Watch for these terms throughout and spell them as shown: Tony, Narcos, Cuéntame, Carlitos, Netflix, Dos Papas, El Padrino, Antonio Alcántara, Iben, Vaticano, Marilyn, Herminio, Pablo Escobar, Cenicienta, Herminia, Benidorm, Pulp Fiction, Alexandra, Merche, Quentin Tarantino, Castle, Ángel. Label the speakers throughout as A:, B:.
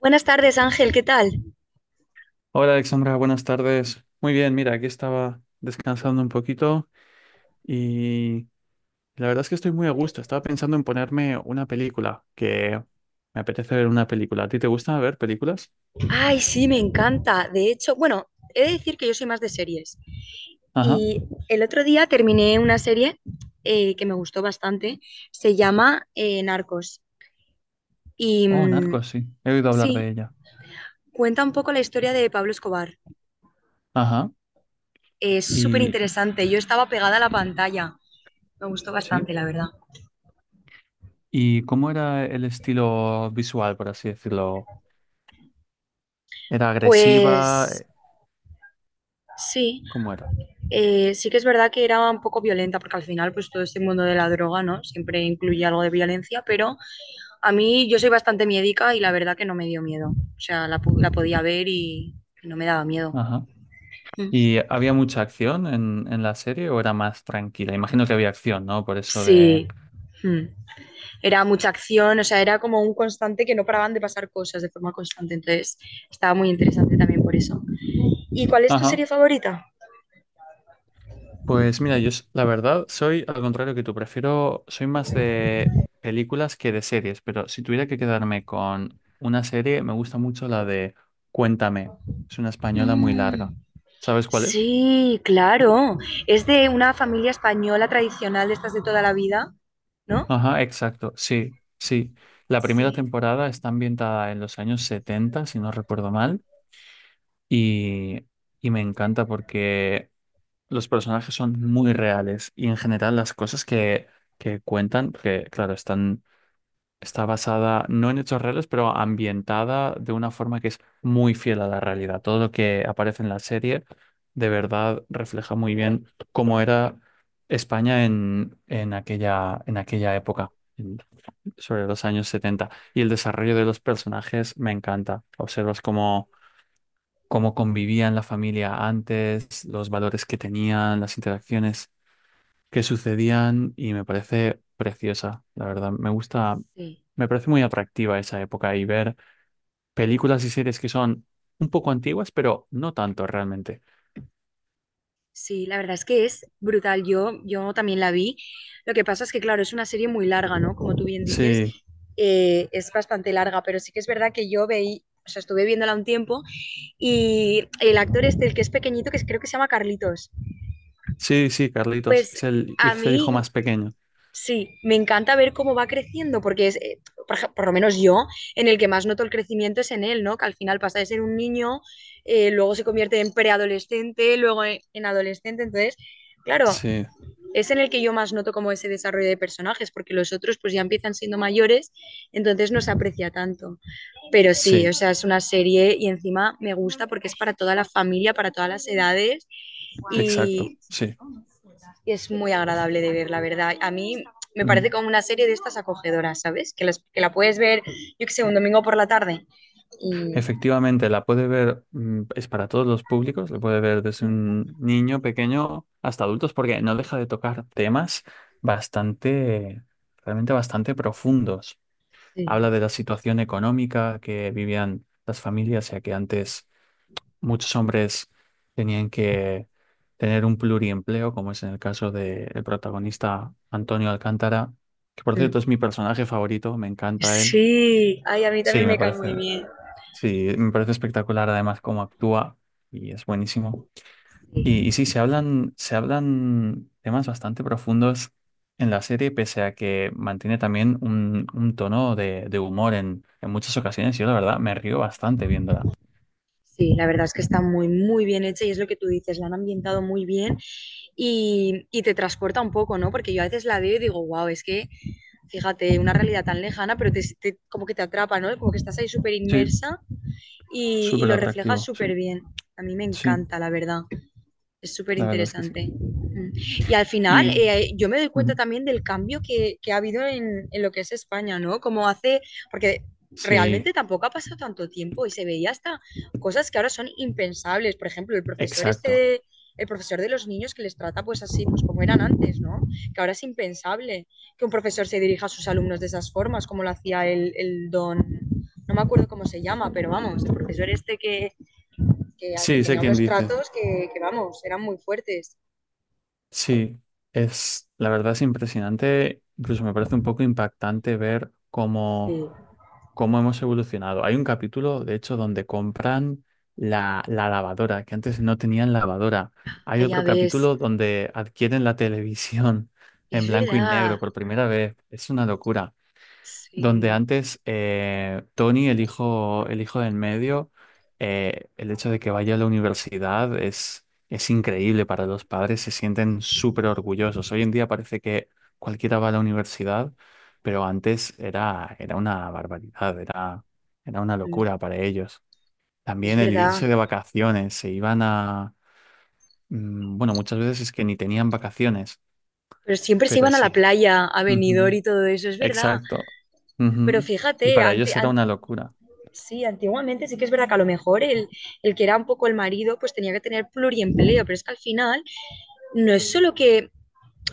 A: Buenas tardes, Ángel, ¿qué tal?
B: Hola Alexandra, buenas tardes. Muy bien, mira, aquí estaba descansando un poquito y la verdad es que estoy muy a gusto. Estaba pensando en ponerme una película, que me apetece ver una película. ¿A ti te gusta ver películas?
A: Ay, sí, me encanta. De hecho, bueno, he de decir que yo soy más de series.
B: Ajá.
A: Y el otro día terminé una serie que me gustó bastante. Se llama Narcos. Y
B: Oh, Narcos, sí. He oído hablar de
A: sí,
B: ella.
A: cuenta un poco la historia de Pablo Escobar.
B: Ajá.
A: Es súper
B: Y
A: interesante. Yo estaba pegada a la pantalla. Me gustó
B: sí.
A: bastante, la verdad.
B: ¿Y cómo era el estilo visual, por así decirlo? ¿Era agresiva?
A: Pues sí,
B: ¿Cómo era?
A: sí que es verdad que era un poco violenta, porque al final, pues todo este mundo de la droga, ¿no? Siempre incluye algo de violencia, pero a mí, yo soy bastante miedica y la verdad que no me dio miedo. O sea, la podía ver y no me daba miedo.
B: Ajá.
A: Mm.
B: ¿Y había mucha acción en la serie o era más tranquila? Imagino que había acción, ¿no? Por eso de...
A: Sí. Mm. Era mucha acción, o sea, era como un constante que no paraban de pasar cosas de forma constante. Entonces, estaba muy interesante también por eso. ¿Y cuál es tu
B: Ajá.
A: serie favorita?
B: Pues mira, la verdad soy al contrario que tú, prefiero, soy más de películas que de series, pero si tuviera que quedarme con una serie, me gusta mucho la de Cuéntame, es una española muy larga.
A: Mm.
B: ¿Sabes cuál es?
A: Sí, claro. Es de una familia española tradicional de estas de toda la vida, ¿no?
B: Ajá, exacto, sí, sí. La primera
A: Sí,
B: temporada está ambientada en los años 70, si no recuerdo mal, y, y me encanta porque los personajes son muy reales y en general las cosas que cuentan, que claro, está basada no en hechos reales, pero ambientada de una forma que es muy fiel a la realidad. Todo lo que aparece en la serie de verdad refleja muy bien cómo era España en aquella época. Sobre los años 70. Y el desarrollo de los personajes me encanta. Observas cómo convivían la familia antes, los valores que tenían, las interacciones que sucedían y me parece preciosa, la verdad. Me gusta,
A: sí.
B: me parece muy atractiva esa época y ver películas y series que son un poco antiguas, pero no tanto realmente.
A: Sí, la verdad es que es brutal. Yo también la vi. Lo que pasa es que, claro, es una serie muy larga, ¿no? Como tú bien dices,
B: Sí,
A: es bastante larga, pero sí que es verdad que yo veí, o sea, estuve viéndola un tiempo y el actor este, el que es pequeñito, que creo que se llama Carlitos,
B: sí, sí, Carlitos,
A: pues
B: es el,
A: a mí
B: hijo más pequeño.
A: sí, me encanta ver cómo va creciendo, porque es, por lo menos yo, en el que más noto el crecimiento es en él, ¿no? Que al final pasa de ser un niño, luego se convierte en preadolescente, luego en adolescente, entonces, claro,
B: Sí,
A: es en el que yo más noto como ese desarrollo de personajes, porque los otros pues ya empiezan siendo mayores, entonces no se aprecia tanto. Pero sí, o
B: sí,
A: sea, es una serie y encima me gusta porque es para toda la familia, para todas las edades
B: exacto,
A: y
B: sí.
A: es muy agradable de ver, la verdad. A mí me parece
B: Ujú.
A: como una serie de estas acogedoras, ¿sabes? Que la puedes ver, yo que sé, un domingo por la tarde. Y
B: Efectivamente, la puede ver, es para todos los públicos, la puede ver desde un niño pequeño hasta adultos, porque no deja de tocar temas bastante, realmente bastante profundos.
A: sí.
B: Habla de la situación económica que vivían las familias, ya que antes muchos hombres tenían que tener un pluriempleo, como es en el caso del protagonista Antonio Alcántara, que por
A: Mm.
B: cierto es mi personaje favorito, me encanta él.
A: Sí. Ay, a mí también
B: Sí, me
A: me cae muy
B: parece,
A: bien.
B: sí, me parece espectacular además cómo actúa y es buenísimo.
A: Sí.
B: Y sí, se hablan temas bastante profundos en la serie, pese a que mantiene también un tono de humor en muchas ocasiones. Yo, la verdad, me río bastante viéndola.
A: Sí, la verdad es que está muy, muy bien hecha y es lo que tú dices, la han ambientado muy bien y te transporta un poco, ¿no? Porque yo a veces la veo y digo, wow, es que, fíjate, una realidad tan lejana, pero como que te atrapa, ¿no? Como que estás ahí súper
B: Sí,
A: inmersa y
B: súper
A: lo reflejas
B: atractivo,
A: súper
B: sí.
A: bien. A mí me
B: Sí,
A: encanta, la verdad. Es súper
B: la verdad es que sí.
A: interesante. Mm. Y al final,
B: Y
A: yo me doy cuenta
B: ujú,
A: también del cambio que ha habido en lo que es España, ¿no? Como hace, porque
B: sí,
A: realmente tampoco ha pasado tanto tiempo y se veía hasta cosas que ahora son impensables. Por ejemplo,
B: exacto.
A: el profesor de los niños que les trata pues así, pues como eran antes, ¿no? Que ahora es impensable que un profesor se dirija a sus alumnos de esas formas, como lo hacía el don, no me acuerdo cómo se llama, pero vamos, el profesor este que
B: Sí, sé
A: tenía
B: quién
A: unos
B: dices.
A: tratos que, vamos, eran muy fuertes.
B: Sí, la verdad es impresionante. Incluso me parece un poco impactante ver cómo
A: Sí.
B: cómo hemos evolucionado. Hay un capítulo, de hecho, donde compran la lavadora, que antes no tenían lavadora. Hay
A: Ah, ya
B: otro
A: ves,
B: capítulo donde adquieren la televisión en
A: es
B: blanco y negro
A: verdad,
B: por primera vez. Es una locura donde
A: sí,
B: antes Tony, el hijo, del medio, el hecho de que vaya a la universidad es increíble para los padres, se sienten súper orgullosos. Hoy en día parece que cualquiera va a la universidad, pero antes era una barbaridad, era una locura para ellos.
A: es
B: También el
A: verdad.
B: irse de vacaciones, se iban a... Bueno, muchas veces es que ni tenían vacaciones,
A: Pero siempre se
B: pero
A: iban a la
B: sí.
A: playa, a Benidorm
B: Ujú.
A: y todo eso, es verdad.
B: Exacto.
A: Pero
B: Ujú. Y
A: fíjate,
B: para
A: ante,
B: ellos era
A: ante
B: una locura.
A: sí, antiguamente sí que es verdad que a lo mejor que era un poco el marido pues tenía que tener pluriempleo, pero es que al final no es solo que,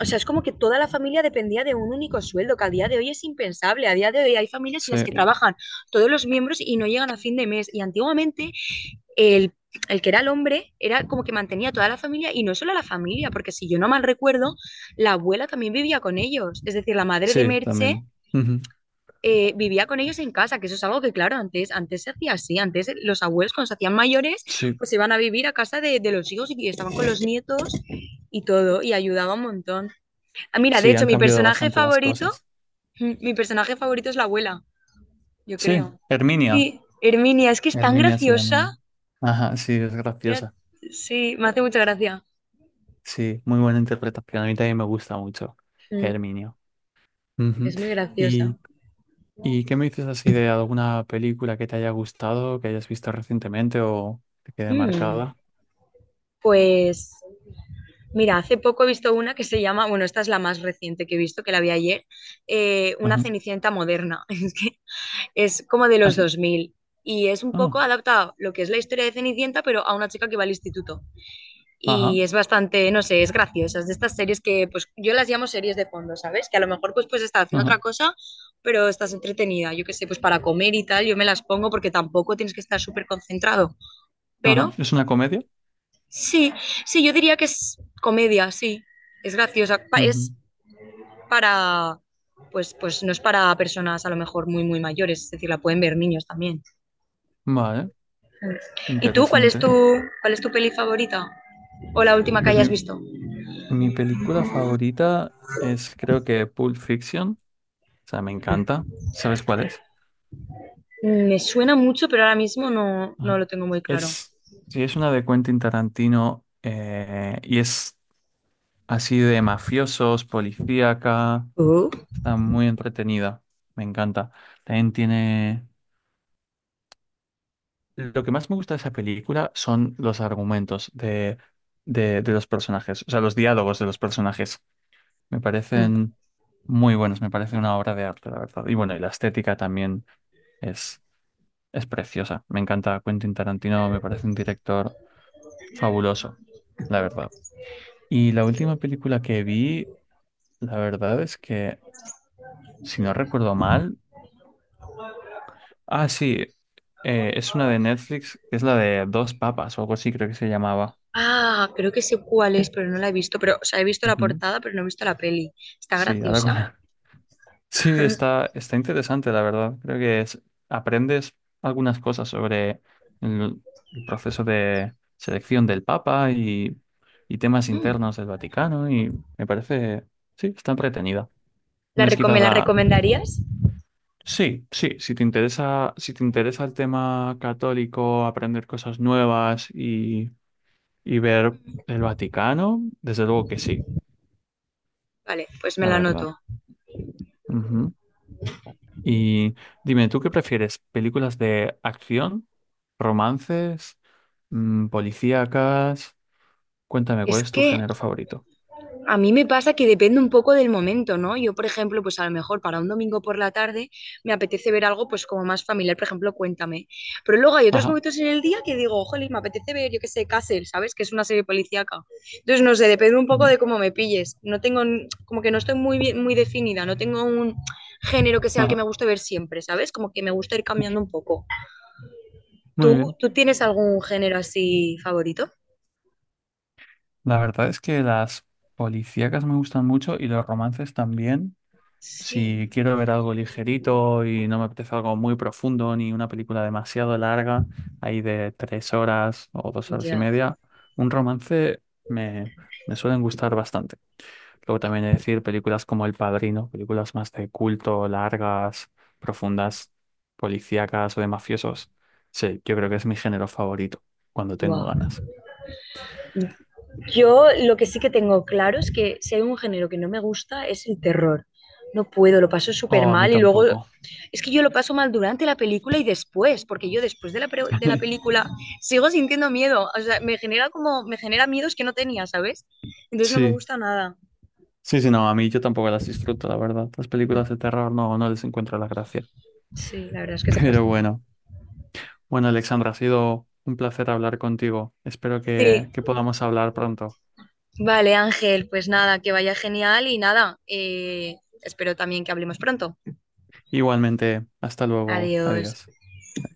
A: o sea, es como que toda la familia dependía de un único sueldo, que a día de hoy es impensable, a día de hoy hay familias en las que
B: Sí,
A: trabajan todos los miembros y no llegan a fin de mes, y antiguamente el, el que era el hombre era como que mantenía a toda la familia y no solo a la familia, porque si yo no mal recuerdo, la abuela también vivía con ellos, es decir, la madre de
B: sí,
A: Merche
B: también. Ujú,
A: vivía con ellos en casa, que eso es algo que, claro, antes, se hacía así, antes los abuelos cuando se hacían mayores,
B: sí,
A: pues se iban a vivir a casa de los hijos y estaban con los nietos y todo, y ayudaba un montón. Ah, mira, de
B: sí,
A: hecho,
B: han
A: mi
B: cambiado
A: personaje
B: bastante las
A: favorito,
B: cosas.
A: es la abuela, yo
B: Sí,
A: creo.
B: Herminia.
A: Sí, Herminia, es que es tan
B: Herminia se
A: graciosa.
B: llamaba. Ajá, sí, es
A: Mira,
B: graciosa.
A: sí, me hace mucha gracia.
B: Sí, muy buena interpretación. A mí también me gusta mucho
A: Mm,
B: Herminio. Ujú.
A: es muy
B: ¿Y,
A: graciosa.
B: y qué me dices así de alguna película que te haya gustado, que hayas visto recientemente o que quede
A: Mm,
B: marcada?
A: Pues mira, hace poco he visto una que se llama, bueno, esta es la más reciente que he visto, que la vi ayer, una
B: Ajá.
A: Cenicienta moderna. Es que es como de
B: Ah,
A: los
B: sí.
A: 2000 y es un
B: Ah,
A: poco adaptado lo que es la historia de Cenicienta, pero a una chica que va al instituto.
B: ajá,
A: Y es bastante, no sé, es graciosa, es de estas series que pues yo las llamo series de fondo, ¿sabes? Que a lo mejor pues estás haciendo
B: ajá,
A: otra cosa, pero estás entretenida, yo qué sé, pues para comer y tal, yo me las pongo porque tampoco tienes que estar súper concentrado,
B: ajá.
A: pero
B: ¿Es una comedia?
A: sí, sí, yo diría que es comedia, sí. Es graciosa. Es
B: Ujú.
A: para, pues no es para personas a lo mejor muy, muy mayores, es decir, la pueden ver niños también.
B: Vale,
A: Mm. ¿Y tú,
B: interesante.
A: cuál es tu peli favorita? ¿O la última que
B: Pues
A: hayas visto?
B: mi película favorita es creo que Pulp Fiction. O sea, me encanta. ¿Sabes cuál es?
A: Me suena mucho, pero ahora mismo no
B: Ajá.
A: lo tengo muy claro.
B: Es, sí, es una de Quentin Tarantino, y es así de mafiosos, policíaca.
A: Oh.
B: Está muy entretenida. Me encanta. También tiene... Lo que más me gusta de esa película son los argumentos de los personajes, o sea, los diálogos de los personajes. Me
A: Mm.
B: parecen muy buenos, me parece una obra de arte, la verdad. Y bueno, y la estética también es, es preciosa. Me encanta Quentin Tarantino, me parece un director fabuloso, la verdad. Y la última película que vi, la verdad es que, si no recuerdo mal, ah, sí, es una de Netflix, que es la de Dos Papas o algo así, creo que se llamaba.
A: Ah, creo que sé cuál es, pero no la he visto. Pero, o sea, he visto la
B: Ujú.
A: portada, pero no he visto la peli. Está
B: Sí, ahora
A: graciosa.
B: sí, está interesante, la verdad. Creo que aprendes algunas cosas sobre el, el proceso de selección del Papa y temas
A: Mm.
B: internos del Vaticano y me parece, sí, está entretenida. No es
A: ¿Me
B: quizás
A: la
B: la...
A: recomendarías?
B: Sí, sí, si te interesa el tema católico, aprender cosas nuevas y ver el Vaticano, desde luego que sí,
A: Vale, pues me
B: la
A: la
B: verdad.
A: anoto.
B: Ujú. Y dime, ¿tú qué prefieres? ¿Películas de acción, romances, policíacas? Cuéntame, ¿cuál
A: Es
B: es tu
A: que
B: género favorito?
A: a mí me pasa que depende un poco del momento, ¿no? Yo, por ejemplo, pues a lo mejor para un domingo por la tarde me apetece ver algo pues como más familiar, por ejemplo, Cuéntame. Pero luego hay otros
B: Ajá.
A: momentos en el día que digo, jolín, me apetece ver, yo qué sé, Castle, ¿sabes? Que es una serie policíaca. Entonces, no sé, depende un poco
B: Ujú,
A: de cómo me pilles. No tengo, como que no estoy muy bien, muy definida, no tengo un género que sea el que
B: ajá.
A: me guste ver siempre, ¿sabes? Como que me gusta ir cambiando un poco.
B: Muy
A: ¿Tú,
B: bien.
A: tú tienes algún género así favorito?
B: La verdad es que las policíacas me gustan mucho y los romances también.
A: Sí.
B: Si quiero ver algo ligerito y no me apetece algo muy profundo ni una película demasiado larga, ahí de 3 horas o dos horas y
A: Ya.
B: media, un romance me suelen gustar bastante. Luego también es decir, películas como El Padrino, películas más de culto, largas, profundas, policíacas o de mafiosos. Sí, yo creo que es mi género favorito, cuando tengo
A: Wow.
B: ganas.
A: Yo lo que sí que tengo claro es que si hay un género que no me gusta es el terror. No puedo, lo paso súper
B: Oh, a mí
A: mal y luego
B: tampoco.
A: es que yo lo paso mal durante la película y después, porque yo después de de la película sigo sintiendo miedo. O sea, me genera miedos que no tenía, ¿sabes? Entonces no me
B: Sí,
A: gusta nada.
B: sí, sí, no, a mí yo tampoco las disfruto, la verdad. Las películas
A: Mm,
B: de terror no, no les encuentro la gracia.
A: Sí, la verdad es que se
B: Pero
A: pasa mal.
B: bueno, bueno, Alexandra, ha sido un placer hablar contigo. Espero
A: Sí,
B: que podamos hablar pronto.
A: vale, Ángel, pues nada, que vaya genial y nada, espero también que hablemos pronto.
B: Igualmente, hasta luego.
A: Adiós.
B: Adiós.